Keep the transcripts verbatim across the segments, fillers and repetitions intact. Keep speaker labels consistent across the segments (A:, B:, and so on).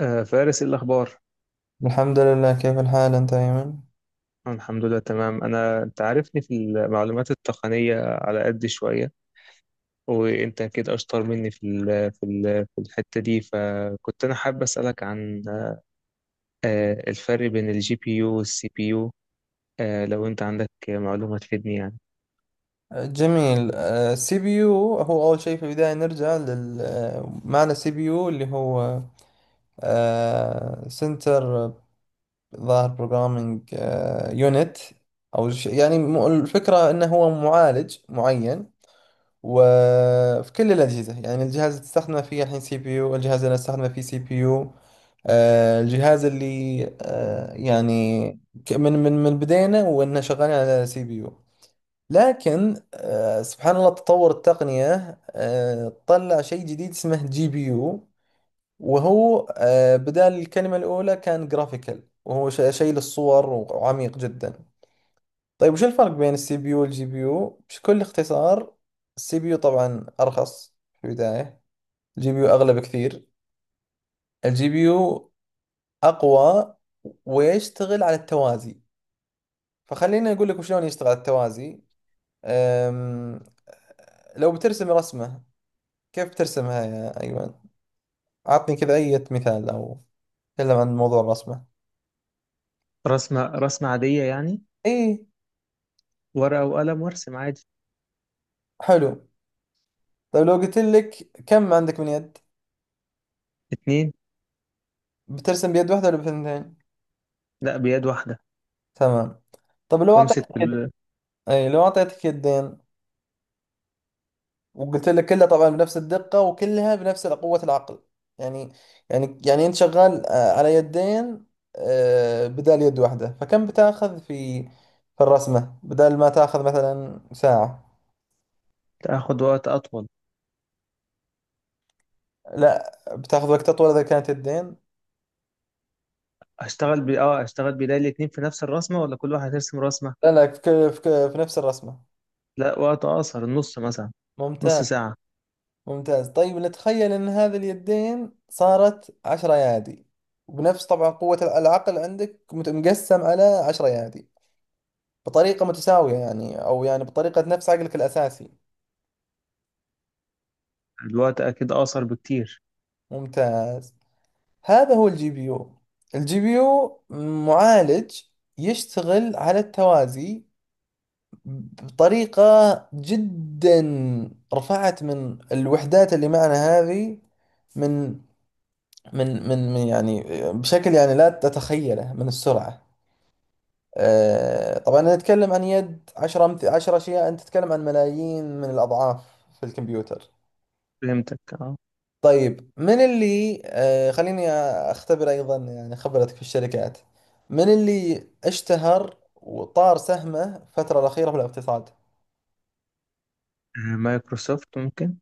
A: آه، فارس إيه الأخبار؟
B: الحمد لله، كيف الحال أنت أيمن؟
A: أنا الحمد لله تمام، أنا أنت عارفني في المعلومات التقنية على قد شوية، وأنت أكيد أشطر مني في ال في ال في الحتة دي، فكنت أنا حابب أسألك عن آه، الفرق بين الجي بي يو والسي بي يو. آه، لو أنت عندك معلومة تفيدني يعني.
B: جميل. السي بي يو هو أول شيء، في البداية نرجع لل آه، معنى سي بي يو اللي هو سنتر ظاهر بروجرامينج يونت. أو ش- يعني م- الفكرة أنه هو معالج معين. وفي كل الأجهزة، يعني الجهاز اللي تستخدمه فيه الحين سي بي يو، الجهاز اللي أستخدمه فيه سي بي يو. آه، الجهاز اللي آه، يعني ك- من من من بدينا وإنه شغالين على سي بي يو. لكن آه، سبحان الله تطور التقنية، آه، طلع شيء جديد اسمه جي بي يو. وهو آه، بدال الكلمة الأولى كان جرافيكال، وهو ش- شيء للصور وعميق جدا. طيب، وش الفرق بين السي بي يو والجي بي يو بكل اختصار؟ السي بي يو طبعا ارخص في البداية. الجي بي يو اغلى بكثير. الجي بي يو اقوى ويشتغل على التوازي. فخليني اقول لك وشلون يشتغل على التوازي. أم... لو بترسم رسمة، كيف بترسمها يا ايمن؟ اعطني كذا اي مثال، او تكلم عن موضوع الرسمة.
A: رسمة رسمة عادية يعني،
B: اي.
A: ورقة وقلم وأرسم عادي.
B: حلو. طيب، لو قلت لك كم عندك من يد؟
A: اتنين.
B: بترسم بيد واحدة ولا بثنتين؟
A: لا، بيد واحدة.
B: تمام. طب لو اعطيتك،
A: وأمسك بال...
B: اي، لو اعطيتك يدين، وقلت لك كلها طبعا بنفس الدقة وكلها بنفس قوة العقل. يعني، يعني يعني انت شغال آه، على يدين، آه، بدال يد واحدة، فكم بتاخذ في، في الرسمة بدال ما تاخذ مثلا ساعة؟
A: تاخد وقت أطول.
B: لا، بتاخذ وقت اطول اذا كانت يدين.
A: أشتغل ب... أه، أشتغل بداية الاتنين في نفس الرسمة ولا كل واحد يرسم رسمة؟
B: لا، لا، في, ك- في, ك- في نفس الرسمة.
A: لا، وقت اقصر، النص مثلا، نص
B: ممتاز.
A: ساعة.
B: ممتاز. طيب، نتخيل ان هذه اليدين صارت عشر ايادي، وبنفس طبعا قوة العقل عندك مت- مقسم على عشر ايادي بطريقة متساوية، يعني أو يعني بطريقة نفس عقلك الأساسي.
A: الوقت اكيد اقصر بكتير.
B: ممتاز. هذا هو الجي بي يو. الجي بي يو معالج يشتغل على التوازي بطريقة، جدا رفعت من الوحدات اللي معنا هذه، من من من من يعني بشكل يعني لا تتخيله من السرعة. آه، طبعا أنا أتكلم عن يد، عشرة أمث- عشرة أشياء. أنت تتكلم عن ملايين من الأضعاف في الكمبيوتر.
A: فهمتك، اه.
B: طيب، من اللي آه خليني اختبر ايضا يعني خبرتك في الشركات، من اللي اشتهر وطار سهمه الفترة الأخيرة في الاقتصاد؟
A: آه، مايكروسوفت ممكن.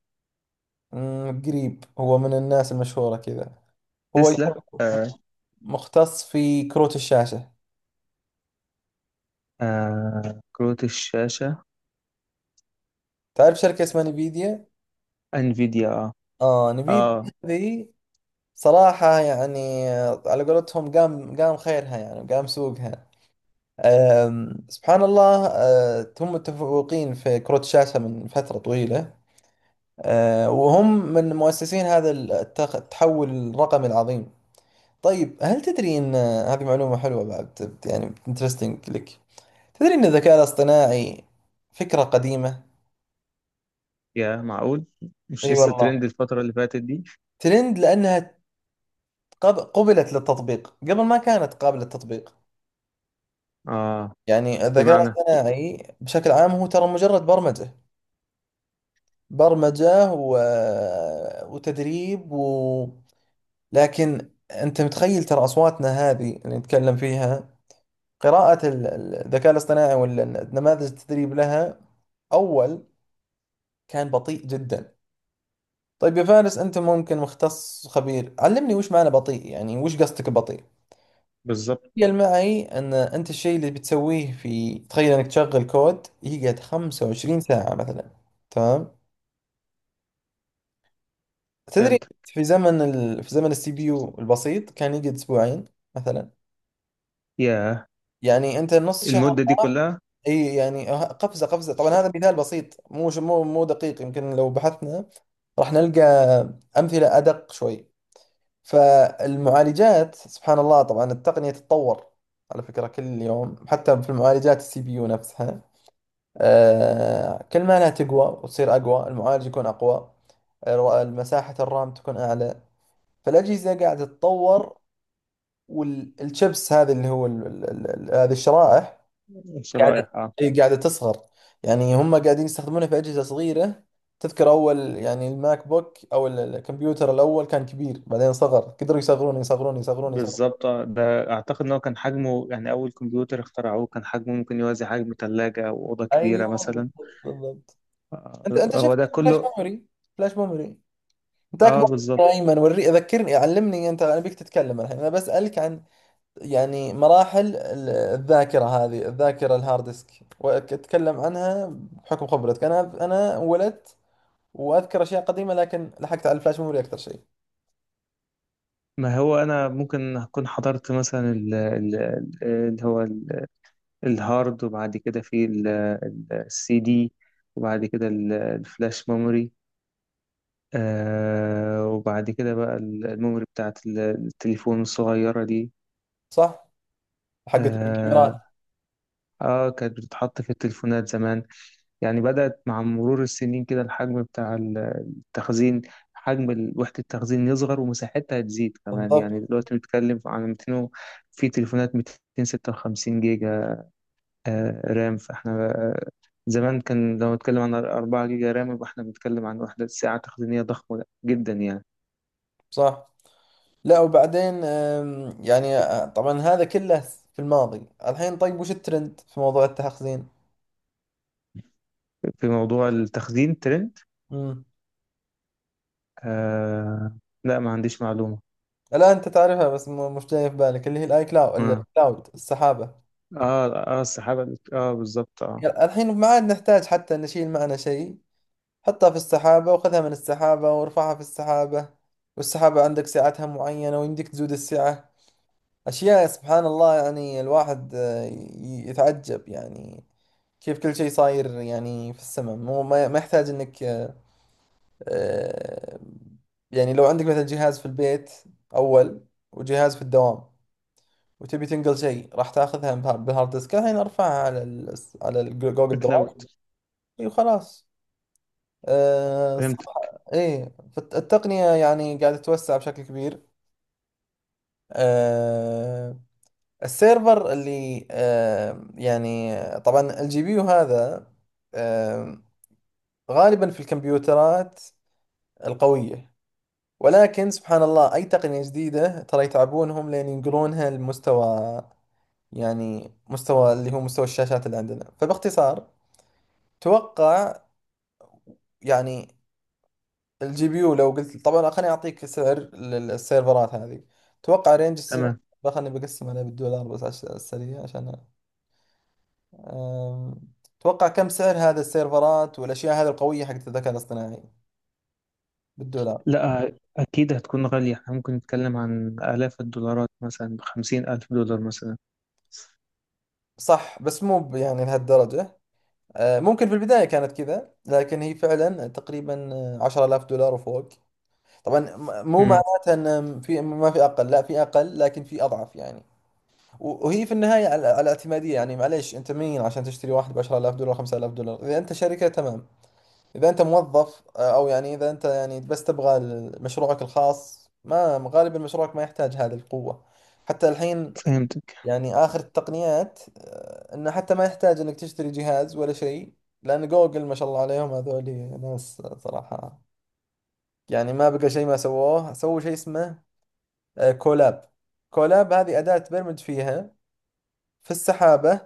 B: مم، قريب. هو من الناس المشهورة كذا، هو
A: تسلا
B: يكون
A: آه.
B: مختص في كروت الشاشة.
A: آه، كروت الشاشة.
B: تعرف شركة اسمها نيفيديا؟
A: انفيديا، اه.
B: اه، نيفيديا.
A: اه.
B: هذه صراحة يعني آه، على قولتهم قام قام خيرها، يعني قام سوقها. آم، سبحان الله، آه، هم متفوقين في كروت الشاشة من فترة طويلة. آه، وهم من مؤسسين هذا التخ- التحول الرقمي العظيم. طيب، هل تدري أن هذه معلومة حلوة بعد، بت- يعني انترستنج لك؟ تدري أن الذكاء الاصطناعي فكرة قديمة؟
A: يا معقول، مش
B: اي
A: لسه
B: والله.
A: ترند الفترة اللي فاتت دي؟
B: ترند لأنها قب- قبلت للتطبيق قبل ما كانت قابلة للتطبيق.
A: اه.
B: يعني الذكاء
A: بمعنى.
B: الاصطناعي بشكل عام هو ترى مجرد برمجة. برمجة و... وتدريب و... لكن أنت متخيل ترى أصواتنا هذه اللي نتكلم فيها، قراءة ال- ال- الذكاء الاصطناعي، ولا نماذج التدريب لها، أول كان بطيء جدا. طيب يا فارس، أنت ممكن مختص خبير، علمني وش معنى بطيء، يعني وش قصدك بطيء؟
A: بالظبط.
B: تخيل معي أن أنت الشيء اللي بتسويه في، تخيل أنك تشغل كود يقعد 25 ساعة مثلا. تمام. تدري؟
A: فهمت.
B: في زمن ال... في زمن السي بي يو البسيط كان يقعد أسبوعين مثلا.
A: يا،
B: يعني انت نص شهر
A: المدة دي
B: راح.
A: كلها.
B: اي، يعني ه- قفزه، قفزه. طبعا هذا مثال بسيط، مو ش- مو مو دقيق، يمكن لو بحثنا راح نلقى امثله ادق شوي. فالمعالجات سبحان الله، طبعا التقنيه تتطور على فكره كل يوم، حتى في المعالجات السي بي يو نفسها. آه كل ما لها تقوى وتصير اقوى، المعالج يكون اقوى، الر- مساحه الرام تكون اعلى. فالاجهزه قاعده تتطور. والشيبس هذه اللي هو ال- ال- ال- هذه الشرائح، قاعدة،
A: شرائح، اه.
B: هي قاعدة تصغر. يعني هم قاعدين يستخدمونها في أجهزة صغيرة. تذكر أول يعني الماك بوك أو ال- الكمبيوتر الأول كان كبير، بعدين صغر، قدروا يصغرون يصغرون يصغرون يصغرون.
A: بالظبط آه، ده اعتقد ان هو كان حجمه يعني اول كمبيوتر اخترعوه كان حجمه ممكن يوازي حجم ثلاجة او اوضة كبيرة
B: أيوه،
A: مثلا.
B: بالضبط، بالضبط. أنت
A: آه،
B: أنت
A: هو
B: شفت
A: ده
B: فلاش
A: كله.
B: ميموري، فلاش ميموري. أنت
A: اه
B: أكبر
A: بالظبط.
B: مني يا أيمن، وري، أذكرني، علمني أنت، أنا بيك تتكلم الحين، أنا بسألك عن يعني مراحل ال- الذاكرة، هذه الذاكرة، الهارد ديسك. وأتكلم عنها بحكم خبرتك. أنا أنا ولدت واذكر اشياء قديمه، لكن لحقت على الفلاش ميموري اكثر شيء.
A: ما هو انا ممكن اكون حضرت مثلا ال- ال- ال- اللي هو ال- الهارد، وبعد كده في ال- ال- السي دي، وبعد كده ال- الفلاش ميموري، آه وبعد كده بقى ال- الميموري بتاعت ال- التليفون الصغيرة دي.
B: صح. حقت
A: اه.
B: الكاميرات.
A: آه، كانت بتتحط في التليفونات زمان. يعني بدأت مع مرور السنين كده، الحجم بتاع التخزين، حجم ال- وحدة التخزين يصغر، ومساحتها هتزيد كمان. يعني
B: بالضبط.
A: دلوقتي بنتكلم عن مئتين و- في تليفونات ميتين وستة وخمسين جيجا. آه، رام. فاحنا آه، زمان كان لو نتكلم عن أربعة جيجا رام يبقى احنا بنتكلم عن وحدة ساعة تخزينية ضخمة جدا يعني.
B: صح. لا، وبعدين أم، يعني أ- طبعا هذا كله في الماضي. الحين طيب، وش الترند في موضوع التخزين؟
A: في موضوع التخزين ترند.
B: امم
A: آه، لا ما عنديش معلومة.
B: الان انت تعرفها بس، م- مش جاي في بالك اللي هي الاي كلاود،
A: اه.
B: الكلاود، السحابه.
A: اه، آه السحابة، اه بالظبط اه.
B: يعني الحين ما عاد نحتاج حتى نشيل معنا شيء، حطها في السحابه وخذها من السحابه وارفعها في السحابه. والسحابه عندك سعتها معينه، ويمديك تزود السعه. أشياء سبحان الله، يعني الواحد آه، ي- يتعجب يعني، كيف كل شيء صاير يعني في السماء، مو ما ما يحتاج إنك آه، يعني. لو عندك مثلا جهاز في البيت أول، وجهاز في الدوام، وتبي تنقل شيء، راح تاخذها بها- بالهارد ديسك. الحين ارفعها على ال على الجوجل درايف.
A: كلاود.
B: اي، وخلاص. آه، صح.
A: فهمت.
B: ايه، فالتقنية يعني قاعدة تتوسع بشكل كبير. آه، السيرفر اللي آه، يعني، طبعا الجي بي يو هذا آه، غالبا في الكمبيوترات القوية. ولكن سبحان الله، أي تقنية جديدة ترى يتعبونهم لين ينقلونها لمستوى، يعني مستوى اللي هو مستوى الشاشات اللي عندنا. فباختصار، توقع يعني الجي بي يو، لو قلت طبعا، خليني أعطيك سعر للسيرفرات هذه. توقع رينج السعر.
A: تمام.
B: خليني بقسم عليه بالدولار بس عشان السريع، عشان أم، توقع كم سعر هذا السيرفرات والأشياء هذه القوية حقت الذكاء الاصطناعي بالدولار؟
A: لا، أكيد هتكون غالية، احنا ممكن نتكلم عن آلاف الدولارات مثلا، بخمسين ألف دولار مثلا.
B: صح، بس مو ب- يعني لهالدرجة. أه، ممكن في البداية كانت كذا، لكن هي فعلا تقريبا عشرة آلاف دولار وفوق. طبعا م- مو
A: امم.
B: معناتها أن في، ما في أقل، لا في أقل، لكن في أضعف يعني. و- وهي في النهاية على على اعتمادية. يعني معليش، أنت مين عشان تشتري واحد ب عشرة آلاف دولار، خمسة آلاف دولار؟ إذا أنت شركة تمام. إذا أنت موظف، آه، أو يعني إذا أنت يعني بس تبغى ال- مشروعك الخاص، ما غالبا مشروعك ما يحتاج هذه القوة حتى الحين.
A: فهمتك.
B: يعني آخر التقنيات آه، إنه حتى ما يحتاج إنك تشتري جهاز ولا شيء، لأن جوجل ما شاء الله عليهم، هذول ناس صراحة، يعني ما بقى شيء ما سووه. سووا شيء اسمه آه، كولاب. كولاب هذه أداة تبرمج فيها في السحابة،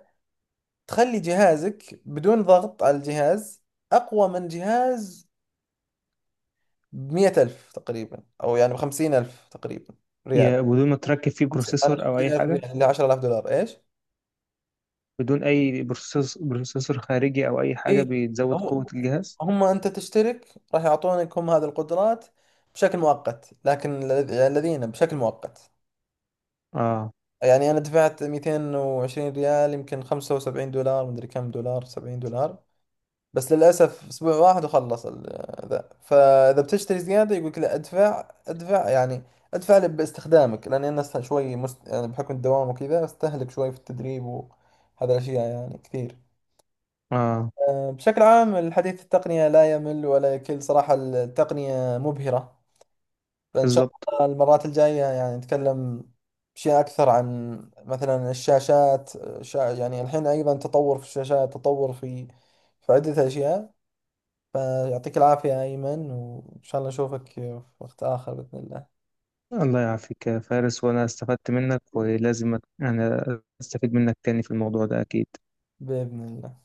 B: تخلي جهازك بدون ضغط على الجهاز، أقوى من جهاز بمية ألف تقريبا، أو يعني بخمسين ألف تقريبا، ريال.
A: يا، بدون ما تركب فيه
B: خمسين، معلش،
A: بروسيسور أو
B: خمسين
A: أي
B: ألف ريال
A: حاجة؟
B: اللي عشرة آلاف دولار، إيش؟
A: بدون أي بروسيسور، بروسيسور خارجي أو أي حاجة
B: اي.
A: بتزود
B: هم
A: قوة الجهاز؟
B: هم أنت تشترك راح يعطونك هم هذه القدرات بشكل مؤقت، لكن الذ- الذين بشكل مؤقت.
A: اه.
B: يعني أنا دفعت مئتين وعشرين ريال، يمكن خمسة وسبعين دولار، مدري كم دولار، سبعين دولار. بس للأسف أسبوع واحد وخلص ال- ذا. فإذا بتشتري زيادة يقولك لا، أدفع أدفع يعني، أدفع لي باستخدامك، لأني أنا است- شوي مست... يعني بحكم الدوام وكذا أستهلك شوي في التدريب وهذا الأشياء يعني كثير.
A: اه
B: أه، بشكل عام، الحديث التقنية لا يمل ولا يكل. صراحة التقنية مبهرة. فإن شاء
A: بالظبط.
B: الله المرات الجاية يعني نتكلم أشياء أكثر عن، مثلا، الشاشات. شا... يعني الحين أيضا تطور في الشاشات، تطور في في عدة أشياء. فيعطيك العافية يا أيمن، وإن شاء الله نشوفك في وقت آخر بإذن الله.
A: الله يعافيك يا فارس، وأنا استفدت منك، ولازم أت- أنا أستفيد منك تاني في الموضوع ده أكيد.
B: بإذن الله.